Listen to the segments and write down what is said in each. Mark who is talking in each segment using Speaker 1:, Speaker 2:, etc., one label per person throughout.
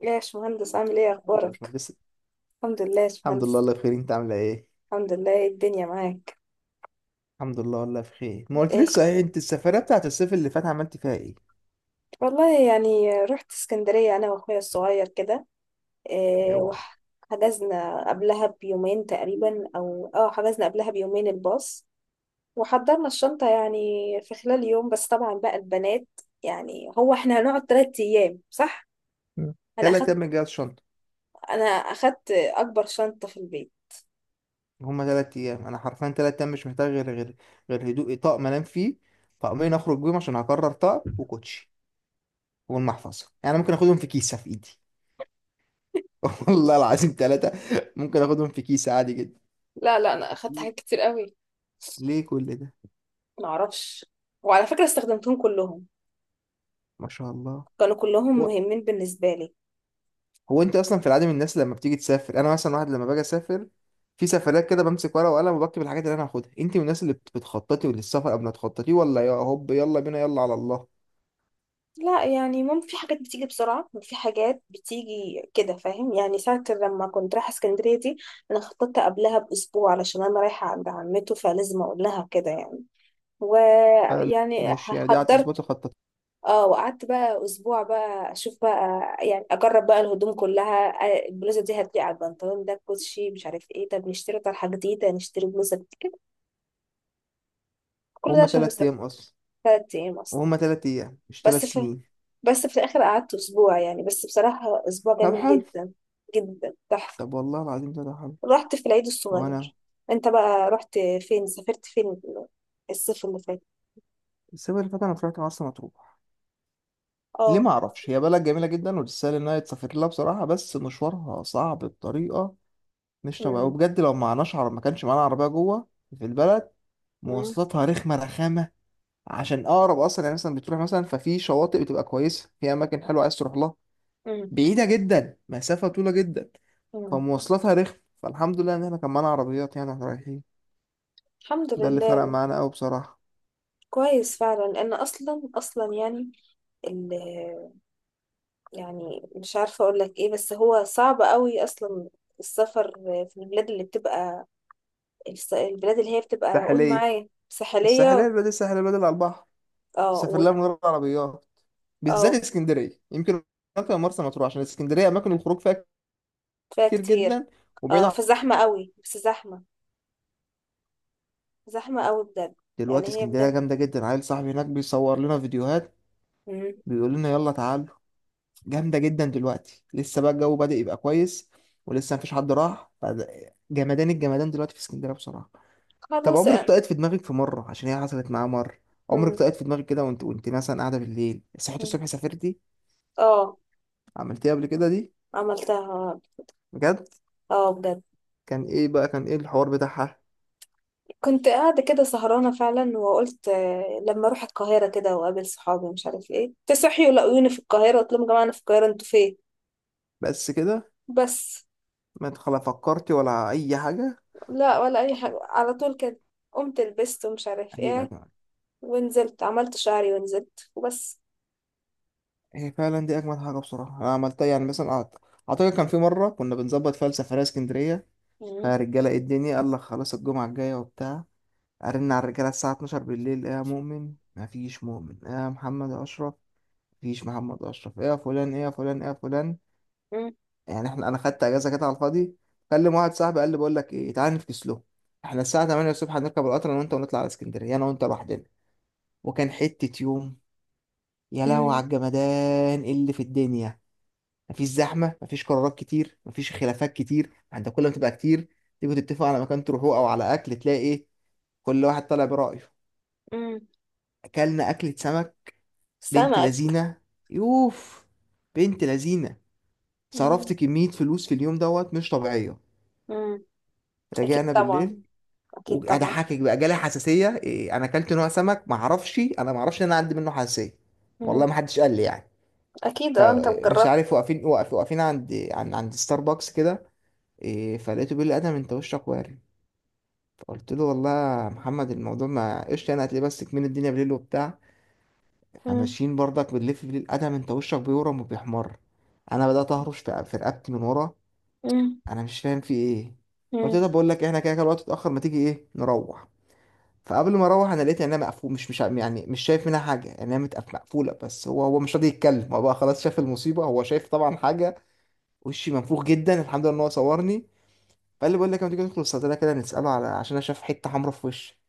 Speaker 1: يا باشمهندس عامل ايه
Speaker 2: ده مش
Speaker 1: اخبارك؟
Speaker 2: مهندس.
Speaker 1: الحمد لله يا
Speaker 2: الحمد لله،
Speaker 1: باشمهندس.
Speaker 2: الله بخير، انت عامله ايه؟
Speaker 1: الحمد لله، إيه الدنيا معاك؟
Speaker 2: الحمد لله والله بخير، ما قلت
Speaker 1: ايه؟
Speaker 2: لسه، ايه انت السفريه بتاعت الصيف اللي فات عملت فيها ايه؟
Speaker 1: والله يعني رحت اسكندرية انا واخويا الصغير كده. إيه،
Speaker 2: اوعى.
Speaker 1: وحجزنا قبلها بيومين تقريبا، او اه حجزنا قبلها بيومين الباص. وحضرنا الشنطة يعني في خلال يوم، بس طبعا بقى البنات. يعني هو احنا هنقعد تلات ايام صح؟
Speaker 2: مم.
Speaker 1: انا
Speaker 2: تلات
Speaker 1: اخدت
Speaker 2: ايام من جهاز شنطه؟
Speaker 1: انا اخدت اكبر شنطة في البيت.
Speaker 2: هما تلات ايام، انا حرفيا تلات ايام مش محتاج غير هدوء، طقم انام فيه، طقمين اخرج بيهم عشان هكرر طقم، وكوتشي والمحفظه. يعني أنا ممكن اخدهم في كيسه في ايدي. والله العظيم تلاتة، ممكن اخدهم في كيسه عادي جدا.
Speaker 1: لا لا، انا اخدت حاجات كتير قوي.
Speaker 2: ليه كل ده؟
Speaker 1: معرفش. وعلى فكرة استخدمتهم كلهم،
Speaker 2: ما شاء الله.
Speaker 1: كانوا كلهم مهمين بالنسبة لي.
Speaker 2: هو انت اصلا في العادي من الناس لما بتيجي تسافر؟ انا مثلا واحد لما باجي اسافر في سفرات كده بمسك ورقه وقلم وبكتب الحاجات اللي انا هاخدها. انت من الناس اللي بتخططي للسفر قبل ما تخططي، ولا يا هوب يلا بينا يلا على الله؟
Speaker 1: لا، يعني ممكن في حاجات بتيجي بسرعة وفي حاجات بتيجي كده، فاهم؟ يعني ساعة لما كنت رايحة اسكندرية دي، أنا خططت قبلها بأسبوع علشان أنا رايحة عند عمته، فلازم أقول لها كده يعني،
Speaker 2: حلو.
Speaker 1: ويعني
Speaker 2: ماشي، يعني دي قعدت اسبوع
Speaker 1: حضرت.
Speaker 2: تخطط
Speaker 1: اه، وقعدت بقى اسبوع بقى اشوف بقى، يعني اجرب بقى الهدوم كلها. البلوزه دي هتليق على البنطلون ده، الكوتشي مش عارف ايه، طب نشتري طرحه جديده، نشتري بلوزه كده. كل ده
Speaker 2: وهم
Speaker 1: عشان
Speaker 2: تلات
Speaker 1: مسافر
Speaker 2: ايام اصلا،
Speaker 1: ثلاث ايام اصلا.
Speaker 2: وهم تلات ايام مش تلات
Speaker 1: بس في
Speaker 2: سنين.
Speaker 1: بس في الآخر قعدت أسبوع يعني، بس بصراحة أسبوع
Speaker 2: طب
Speaker 1: جميل
Speaker 2: حلو.
Speaker 1: جدا، جدا تحفة.
Speaker 2: طب والله العظيم ده حلو.
Speaker 1: رحت في العيد
Speaker 2: هو انا،
Speaker 1: الصغير. أنت بقى رحت فين؟ سافرت فين الصيف اللي فات؟
Speaker 2: السنه اللي فاتت انا طلعت مرسى مطروح. ليه؟
Speaker 1: اه.
Speaker 2: ما اعرفش، هي بلد جميله جدا وتستاهل انها يتسافر لها بصراحه، بس مشوارها صعب بطريقه مش طبيعيه،
Speaker 1: أمم،
Speaker 2: وبجد لو معناش عرب ما كانش معانا عربيه جوه في البلد.
Speaker 1: أمم،
Speaker 2: مواصلاتها رخمة، رخامة عشان أقرب. أصلا يعني مثلا بتروح، مثلا ففي شواطئ بتبقى كويسة في أماكن حلوة عايز تروح لها،
Speaker 1: أمم،
Speaker 2: بعيدة جدا، مسافة طويلة جدا.
Speaker 1: أمم.
Speaker 2: فمواصلاتها رخمة، فالحمد لله إن إحنا كان معانا عربيات يعني وإحنا رايحين.
Speaker 1: الحمد
Speaker 2: ده اللي فرق
Speaker 1: لله.
Speaker 2: معانا أوي بصراحة.
Speaker 1: كويس فعلا، لأن أصلا أصلا يعني ال يعني مش عارفة أقول لك إيه، بس هو صعب قوي أصلا السفر في البلاد اللي بتبقى، البلاد اللي هي بتبقى، قول
Speaker 2: الساحلية،
Speaker 1: معايا
Speaker 2: الساحلية
Speaker 1: ساحلية.
Speaker 2: البلد، الساحلية البلد على البحر
Speaker 1: اه
Speaker 2: سافر لها من غير عربيات، بالذات
Speaker 1: اه
Speaker 2: اسكندرية يمكن أكتر من مرسى مطروح، عشان اسكندرية أماكن الخروج فيها
Speaker 1: فيها
Speaker 2: كتير
Speaker 1: كتير.
Speaker 2: جدا. وبعيد
Speaker 1: اه،
Speaker 2: عن-
Speaker 1: فزحمة قوي، بس زحمة، زحمة قوي بجد. يعني
Speaker 2: دلوقتي
Speaker 1: هي
Speaker 2: اسكندرية
Speaker 1: بجد.
Speaker 2: جامدة جدا، عيل صاحبي هناك بيصور لنا فيديوهات،
Speaker 1: مم.
Speaker 2: بيقول لنا يلا تعال. جامدة جدا دلوقتي، لسه بقى الجو بدأ يبقى كويس، ولسه مفيش حد راح. جمدان الجمدان دلوقتي في اسكندرية بصراحة. طب
Speaker 1: خلاص
Speaker 2: عمرك
Speaker 1: يعني.
Speaker 2: طقت في دماغك في مرة؟ عشان هي حصلت معايا مرة. عمرك
Speaker 1: مم.
Speaker 2: طقت في دماغك كده وانت، وانت مثلا قاعدة بالليل صحيت
Speaker 1: مم.
Speaker 2: الصبح سافرتي،
Speaker 1: اه،
Speaker 2: عملتيها قبل كده دي؟
Speaker 1: عملتها.
Speaker 2: بجد؟
Speaker 1: اه بجد.
Speaker 2: كان ايه بقى، كان ايه الحوار بتاعها؟
Speaker 1: كنت قاعدة كده سهرانة فعلا، وقلت لما اروح القاهرة كده واقابل صحابي مش عارف ايه، تصحي ولاقوني في القاهرة، قلت لهم يا جماعة انا في القاهرة انتوا فين.
Speaker 2: بس كده،
Speaker 1: بس.
Speaker 2: ما تخلا فكرتي ولا أي حاجة؟
Speaker 1: لا ولا اي حاجة على طول كده. قمت لبست ومش عارف
Speaker 2: عجيبة يا
Speaker 1: ايه،
Speaker 2: جماعة.
Speaker 1: ونزلت عملت شعري ونزلت وبس.
Speaker 2: هي فعلا دي أجمد حاجة بصراحة أنا عملتها. يعني مثلا أعتقد كان في مرة كنا بنظبط فيها السفرية اسكندرية،
Speaker 1: مم.
Speaker 2: فالرجالة ايه الدنيا، قال لك خلاص الجمعة الجاية وبتاع. ارن على الرجاله الساعه 12 بالليل، ايه يا مؤمن؟ مفيش مؤمن. ايه يا محمد يا اشرف؟ مفيش محمد اشرف. ايه يا فلان، ايه يا فلان، ايه يا فلان؟
Speaker 1: مم.
Speaker 2: يعني احنا، انا خدت اجازه كده على الفاضي، كلم واحد صاحبي قال لي بقول لك ايه، تعالى نفكس له، احنا الساعه 8 الصبح هنركب القطر انا وانت ونطلع على اسكندريه انا وانت لوحدنا. وكان حته يوم، يا لهوي على
Speaker 1: مم.
Speaker 2: الجمدان، إيه اللي في الدنيا، مفيش زحمه، مفيش قرارات كتير، مفيش خلافات كتير، انت كل ما تبقى كتير تيجوا تتفقوا على مكان تروحوه او على اكل، تلاقي ايه كل واحد طالع برأيه.
Speaker 1: مم.
Speaker 2: اكلنا اكلة سمك بنت
Speaker 1: سمك.
Speaker 2: لذينة. يوف، بنت لذينة.
Speaker 1: مم.
Speaker 2: صرفت كمية فلوس في اليوم دوت مش طبيعية.
Speaker 1: مم. أكيد
Speaker 2: رجعنا
Speaker 1: طبعا.
Speaker 2: بالليل،
Speaker 1: أكيد طبعا.
Speaker 2: وأضحكك بقى جالي حساسية. إيه، أنا أكلت نوع سمك معرفش، أنا معرفش إن أنا عندي منه حساسية، والله
Speaker 1: مم.
Speaker 2: محدش قال لي يعني.
Speaker 1: أكيد أه، أنت
Speaker 2: فمش
Speaker 1: مجربت.
Speaker 2: عارف واقفين، واقفين عند عند ستاربكس كده. إيه، فلقيته بيقول لي أدم أنت وشك وارم. فقلت له والله يا محمد الموضوع ما قشطة، أنا هتلاقيه بس كمين، الدنيا بالليل وبتاع. احنا
Speaker 1: مم.
Speaker 2: ماشيين برضك بنلف بيه القدم، انت وشك بيورم وبيحمر. انا بدات اهرش في رقبتي من ورا.
Speaker 1: مم.
Speaker 2: انا مش فاهم في ايه. قلت
Speaker 1: مم.
Speaker 2: ده بقول لك احنا كده كده الوقت اتاخر، ما تيجي ايه نروح. فقبل ما اروح انا لقيت عينيها مقفول، مش يعني مش شايف منها حاجه، عينيها مقفوله، بس هو مش راضي يتكلم، هو بقى خلاص شاف المصيبه، هو شايف طبعا حاجه. وشي منفوخ جدا، الحمد لله ان هو صورني. فقال لي بقول لك ما تيجي ندخل الصيدليه كده نساله، على عشان انا شايف حته حمراء في وشي.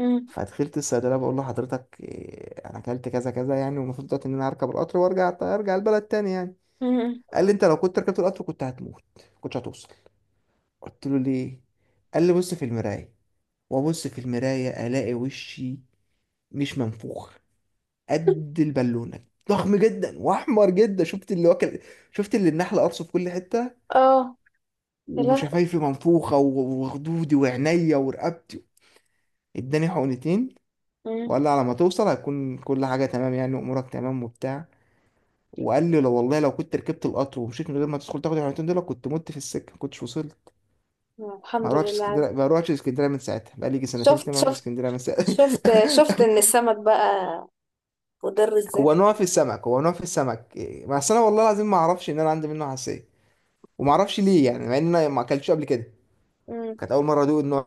Speaker 1: مم.
Speaker 2: فدخلت الصيدليه بقول له حضرتك إيه، انا اكلت كذا كذا يعني والمفروض دلوقتي ان انا هركب القطر وارجع، ارجع البلد تاني يعني.
Speaker 1: مم.
Speaker 2: قال لي انت لو كنت ركبت القطر كنت هتموت، كنتش هتوصل. قلت له ليه؟ قال لي بص في المرايه. وابص في المرايه الاقي وشي مش منفوخ، قد البالونه، ضخم جدا واحمر جدا. شفت اللي واكل، شفت اللي النحل قرصه في كل حته.
Speaker 1: اه. يا لهوي.
Speaker 2: وشفايفي منفوخه وخدودي وعينيا ورقبتي. اداني حقنتين
Speaker 1: مم.
Speaker 2: وقال لي على ما توصل هتكون كل حاجه تمام يعني وامورك تمام وبتاع. وقال لي لو، والله لو كنت ركبت القطر ومشيت من غير ما تدخل تاخد الحاجتين دول كنت مت في السكه، ما كنتش وصلت. ما
Speaker 1: الحمد
Speaker 2: روحتش
Speaker 1: لله.
Speaker 2: اسكندريه، ما روحتش اسكندريه من ساعتها، بقى لي يجي سنتين
Speaker 1: شفت،
Speaker 2: اتنين ما روحتش
Speaker 1: شفت،
Speaker 2: اسكندريه من ساعتها.
Speaker 1: شفت، شفت ان السمك بقى مضر ازاي؟
Speaker 2: هو نوع في السمك، هو نوع في السمك، إيه، بس انا والله العظيم ما اعرفش ان انا عندي منه حساسيه، وما اعرفش ليه يعني، مع ان انا ما اكلتش قبل كده،
Speaker 1: مم.
Speaker 2: كانت اول مره ادوق النوع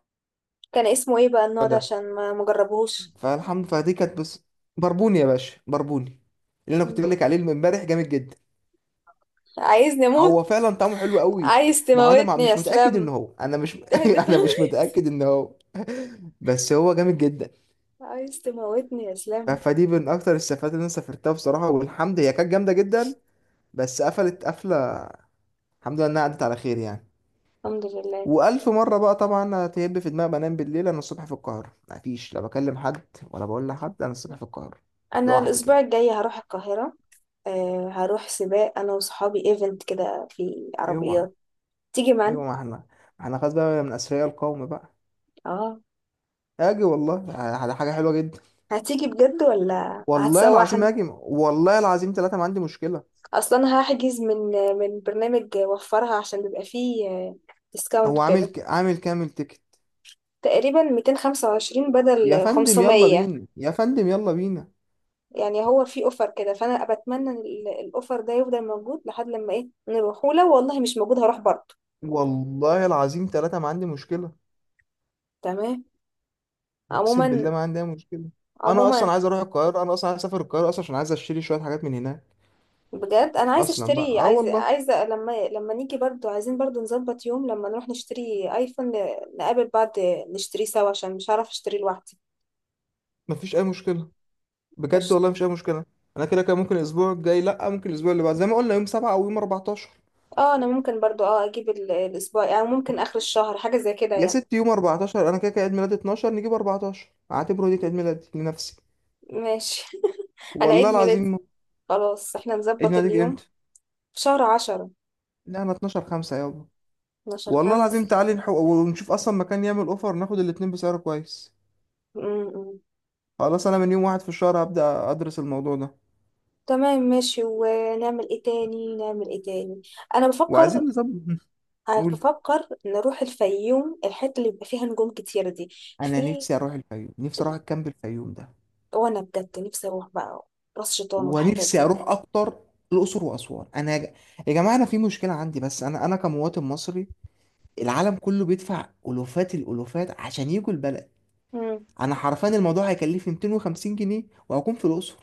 Speaker 1: كان اسمه ايه بقى النوع ده
Speaker 2: ده.
Speaker 1: عشان ما مجربهوش؟
Speaker 2: فالحمد، فدي كانت بس بربوني يا باشا، بربوني، اللي انا كنت
Speaker 1: مم.
Speaker 2: بقول لك عليه من امبارح، جامد جدا.
Speaker 1: عايزني
Speaker 2: هو
Speaker 1: اموت؟
Speaker 2: فعلا طعمه حلو قوي.
Speaker 1: عايز
Speaker 2: ما هو انا
Speaker 1: تموتني يا
Speaker 2: مش متاكد ان
Speaker 1: اسلام.
Speaker 2: هو، انا مش
Speaker 1: تهدف.
Speaker 2: انا مش متاكد ان هو. بس هو جامد جدا.
Speaker 1: عايز تموتني يا اسلام.
Speaker 2: فدي من اكتر السفرات اللي انا سافرتها بصراحه، والحمد، هي كانت جامده جدا، بس قفلت قفله، الحمد لله انها عدت على خير يعني.
Speaker 1: الحمد لله.
Speaker 2: والف مره بقى طبعا هتهب في دماغي، بنام بالليل انا الصبح في القاهره، مفيش لا بكلم حد ولا بقول لحد انا الصبح في القاهره،
Speaker 1: انا
Speaker 2: لوحدي
Speaker 1: الاسبوع
Speaker 2: كده.
Speaker 1: الجاي هروح القاهرة. آه، هروح سباق انا وصحابي، ايفنت كده في
Speaker 2: اوعى،
Speaker 1: عربيات. تيجي
Speaker 2: اوعى،
Speaker 1: معانا؟
Speaker 2: ما احنا خلاص بقى من اثرياء القوم بقى.
Speaker 1: اه.
Speaker 2: اجي والله، حاجه حلوه جدا.
Speaker 1: هتيجي بجد ولا
Speaker 2: والله العظيم
Speaker 1: هتسوحنا؟
Speaker 2: هاجم، والله العظيم ثلاثة ما عندي مشكلة.
Speaker 1: اصلا هحجز من برنامج وفرها عشان بيبقى فيه ديسكاونت
Speaker 2: هو عامل
Speaker 1: وكده،
Speaker 2: عامل كامل تيكت.
Speaker 1: تقريبا 225
Speaker 2: يا
Speaker 1: بدل
Speaker 2: فندم يلا
Speaker 1: 500،
Speaker 2: بينا، يا فندم يلا بينا.
Speaker 1: يعني هو في اوفر كده، فانا بتمنى إن الاوفر ده يفضل موجود لحد لما ايه نروح، ولو والله مش موجود هروح برضه.
Speaker 2: والله العظيم ثلاثة ما عندي مشكلة.
Speaker 1: تمام.
Speaker 2: أقسم بالله
Speaker 1: عموما.
Speaker 2: ما عندي أي مشكلة. أنا
Speaker 1: عموما.
Speaker 2: أصلا عايز أروح القاهرة، أنا أصلا عايز أسافر القاهرة أصلا، عشان عايز أشتري شوية حاجات من هناك
Speaker 1: بجد انا عايزه
Speaker 2: أصلا بقى.
Speaker 1: اشتري،
Speaker 2: أه
Speaker 1: عايزه
Speaker 2: والله
Speaker 1: عايزه لما نيجي برضو، عايزين برضو نظبط يوم لما نروح نشتري ايفون، نقابل بعض، نشتري سوا عشان مش هعرف اشتري لوحدي.
Speaker 2: مفيش أي مشكلة، بجد
Speaker 1: أش-.
Speaker 2: والله مفيش أي مشكلة. أنا كده كده ممكن الأسبوع الجاي، لأ ممكن الأسبوع اللي بعد، زي ما قلنا يوم سبعة أو يوم 14.
Speaker 1: اه، انا ممكن برضو، اجيب الاسبوع، يعني ممكن اخر الشهر حاجه زي كده
Speaker 2: يا
Speaker 1: يعني.
Speaker 2: ست يوم 14، أنا كده كده عيد ميلادي 12، نجيب 14 أعتبره دي كعيد ميلادي لنفسي.
Speaker 1: ماشي. انا عيد
Speaker 2: والله
Speaker 1: ميلادي،
Speaker 2: العظيم.
Speaker 1: خلاص احنا
Speaker 2: عيد
Speaker 1: نظبط
Speaker 2: ميلادك
Speaker 1: اليوم،
Speaker 2: امتى؟
Speaker 1: في شهر عشرة.
Speaker 2: نعمة، 12 5 يابا.
Speaker 1: 12
Speaker 2: والله
Speaker 1: خمسة.
Speaker 2: العظيم تعالي نحو ونشوف اصلا مكان يعمل اوفر، ناخد الاتنين بسعر كويس.
Speaker 1: م- م.
Speaker 2: خلاص انا من يوم واحد في الشهر هبدأ ادرس الموضوع ده،
Speaker 1: تمام ماشي، ونعمل ايه تاني؟ نعمل ايه تاني؟ انا
Speaker 2: وعايزين
Speaker 1: بفكر.
Speaker 2: نظبط.
Speaker 1: أنا
Speaker 2: نقول،
Speaker 1: بفكر نروح الفيوم، الحتة اللي بيبقى فيها نجوم كتير دي.
Speaker 2: انا
Speaker 1: في.
Speaker 2: نفسي اروح الفيوم، نفسي اروح الكامب الفيوم ده.
Speaker 1: وأنا بجد نفسي أروح بقى راس شيطان
Speaker 2: ونفسي
Speaker 1: والحتت دي.
Speaker 2: اروح اكتر الاقصر واسوان. انا يا يا جماعه، انا في مشكله عندي، بس انا كمواطن مصري، العالم كله بيدفع الوفات الالوفات عشان يجوا البلد.
Speaker 1: مم.
Speaker 2: انا حرفيا الموضوع هيكلفني 250 جنيه وهكون في الاقصر،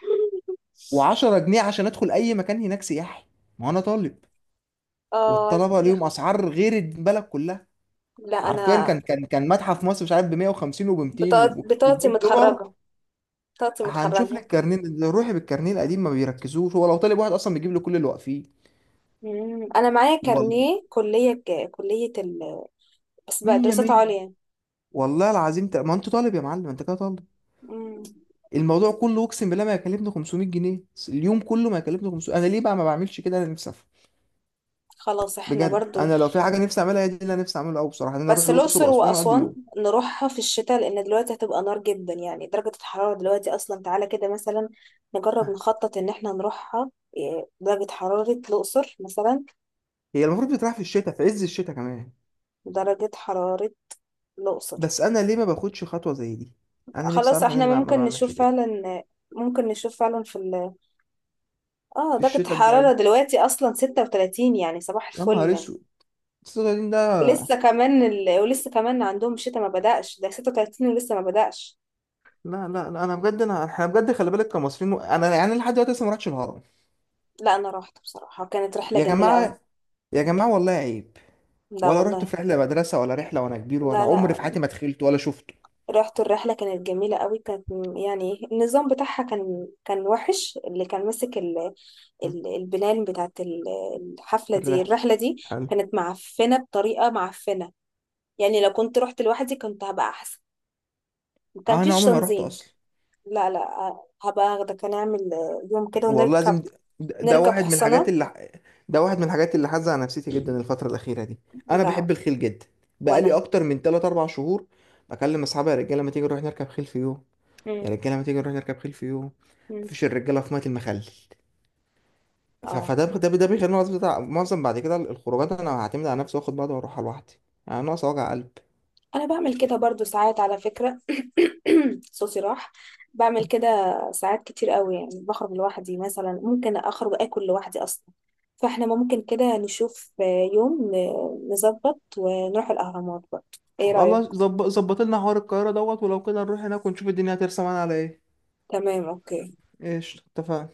Speaker 2: و10 جنيه عشان ادخل اي مكان هناك سياحي، ما انا طالب،
Speaker 1: اه،
Speaker 2: والطلبه
Speaker 1: يا
Speaker 2: ليهم
Speaker 1: أخي.
Speaker 2: اسعار غير البلد كلها.
Speaker 1: لا،
Speaker 2: حرفيا
Speaker 1: أنا
Speaker 2: كان متحف مصر مش عارف ب 150 وب 200 وب
Speaker 1: بطاقتي
Speaker 2: 100 دولار.
Speaker 1: متخرجة. بطاقتي
Speaker 2: هنشوف
Speaker 1: متخرجة.
Speaker 2: لك كارنيه، لو روحي بالكارنيه القديم ما بيركزوش، هو لو طالب واحد اصلا بيجيب له كل اللي واقفين.
Speaker 1: مم. أنا معايا
Speaker 2: والله
Speaker 1: كارنيه كلية، كلية بس بقى
Speaker 2: 100
Speaker 1: دراسات
Speaker 2: 100.
Speaker 1: عليا.
Speaker 2: والله العظيم ما انت طالب يا معلم، انت كده طالب.
Speaker 1: مم.
Speaker 2: الموضوع كله اقسم بالله ما يكلفني 500 جنيه، اليوم كله ما يكلفني 500. انا ليه بقى ما بعملش كده؟ انا نفسي أفهم.
Speaker 1: خلاص احنا
Speaker 2: بجد
Speaker 1: برضو،
Speaker 2: انا لو في حاجه نفسي اعملها هي دي اللي انا نفسي اعملها قوي بصراحه، ان انا اروح
Speaker 1: بس
Speaker 2: الاقصر
Speaker 1: الأقصر
Speaker 2: واسوان اقضي
Speaker 1: وأسوان
Speaker 2: يوم.
Speaker 1: نروحها في الشتاء، لأن دلوقتي هتبقى نار جدا، يعني درجة الحرارة دلوقتي أصلا، تعالى كده مثلا نجرب نخطط إن احنا نروحها. درجة حرارة الأقصر مثلا،
Speaker 2: هي المفروض بتتراح في الشتاء، في عز الشتاء كمان.
Speaker 1: درجة حرارة الأقصر.
Speaker 2: بس انا ليه ما باخدش خطوه زي دي؟ انا نفسي
Speaker 1: خلاص
Speaker 2: اعرف انا
Speaker 1: احنا
Speaker 2: ليه ما
Speaker 1: ممكن
Speaker 2: بعملش
Speaker 1: نشوف
Speaker 2: كده.
Speaker 1: فعلا، ممكن نشوف فعلا في ال اه
Speaker 2: في
Speaker 1: درجة
Speaker 2: الشتاء
Speaker 1: الحرارة
Speaker 2: الجاي.
Speaker 1: دلوقتي أصلا 36، يعني صباح
Speaker 2: يا نهار
Speaker 1: الفل.
Speaker 2: اسود، الصغيرين ده.
Speaker 1: ولسه كمان ولسه كمان عندهم شتاء ما بدأش، ده 36 ولسه ما بدأش.
Speaker 2: لا لا لا، انا بجد انا، احنا بجد خلي بالك كمصريين، انا يعني لحد دلوقتي لسه ما رحتش الهرم.
Speaker 1: لا، أنا روحت بصراحة، كانت رحلة
Speaker 2: يا
Speaker 1: جميلة أوي.
Speaker 2: جماعه، يا جماعه والله عيب.
Speaker 1: لا
Speaker 2: ولا رحت
Speaker 1: والله.
Speaker 2: في رحله مدرسه ولا رحله وانا كبير، ولا
Speaker 1: لا
Speaker 2: عمري
Speaker 1: لا،
Speaker 2: في حياتي ما دخلت ولا شفته.
Speaker 1: رحت الرحلة كانت جميلة قوي، كانت يعني النظام بتاعها كان وحش، اللي كان ماسك
Speaker 2: هم،
Speaker 1: البلان بتاعت الحفلة دي
Speaker 2: الرحله.
Speaker 1: الرحلة دي،
Speaker 2: حلو،
Speaker 1: كانت معفنة بطريقة معفنة، يعني لو كنت رحت لوحدي كنت هبقى أحسن، ما كان
Speaker 2: انا
Speaker 1: فيش
Speaker 2: عمري ما رحت
Speaker 1: تنظيم.
Speaker 2: اصلا.
Speaker 1: لا لا، هبقى أخدك، هنعمل يوم كده
Speaker 2: والله
Speaker 1: ونركب،
Speaker 2: لازم، ده
Speaker 1: نركب
Speaker 2: واحد من الحاجات
Speaker 1: حصنة.
Speaker 2: اللي، ده واحد من الحاجات اللي حازه على نفسيتي جدا الفترة الأخيرة دي. أنا
Speaker 1: لا.
Speaker 2: بحب الخيل جدا، بقالي
Speaker 1: وأنا.
Speaker 2: أكتر من 3 4 شهور بكلم أصحابي يا رجالة ما تيجي نروح نركب خيل في يوم. يا
Speaker 1: مم.
Speaker 2: رجالة ما تيجي نروح نركب خيل في يوم.
Speaker 1: مم.
Speaker 2: مفيش، الرجالة في مية المخلل.
Speaker 1: اه،
Speaker 2: فده ده ده بيخليني معظم بتاع، معظم بعد كده الخروجات أنا هعتمد على نفسي وآخد بعض وأروح لوحدي، يعني ناقص وجع قلب.
Speaker 1: انا بعمل كده برضو ساعات على فكرة. صوصي راح. بعمل كده ساعات كتير قوي، يعني بخرج لوحدي مثلا، ممكن اخرج اكل لوحدي اصلا. فاحنا ممكن كده نشوف يوم نظبط ونروح الاهرامات برضو، ايه رأيك؟
Speaker 2: خلاص، ظبط ظبط لنا حوار القاهرة دوت، ولو كده نروح هناك ونشوف الدنيا هترسم معانا على إيه.
Speaker 1: تمام اوكي.
Speaker 2: إيش اتفقنا؟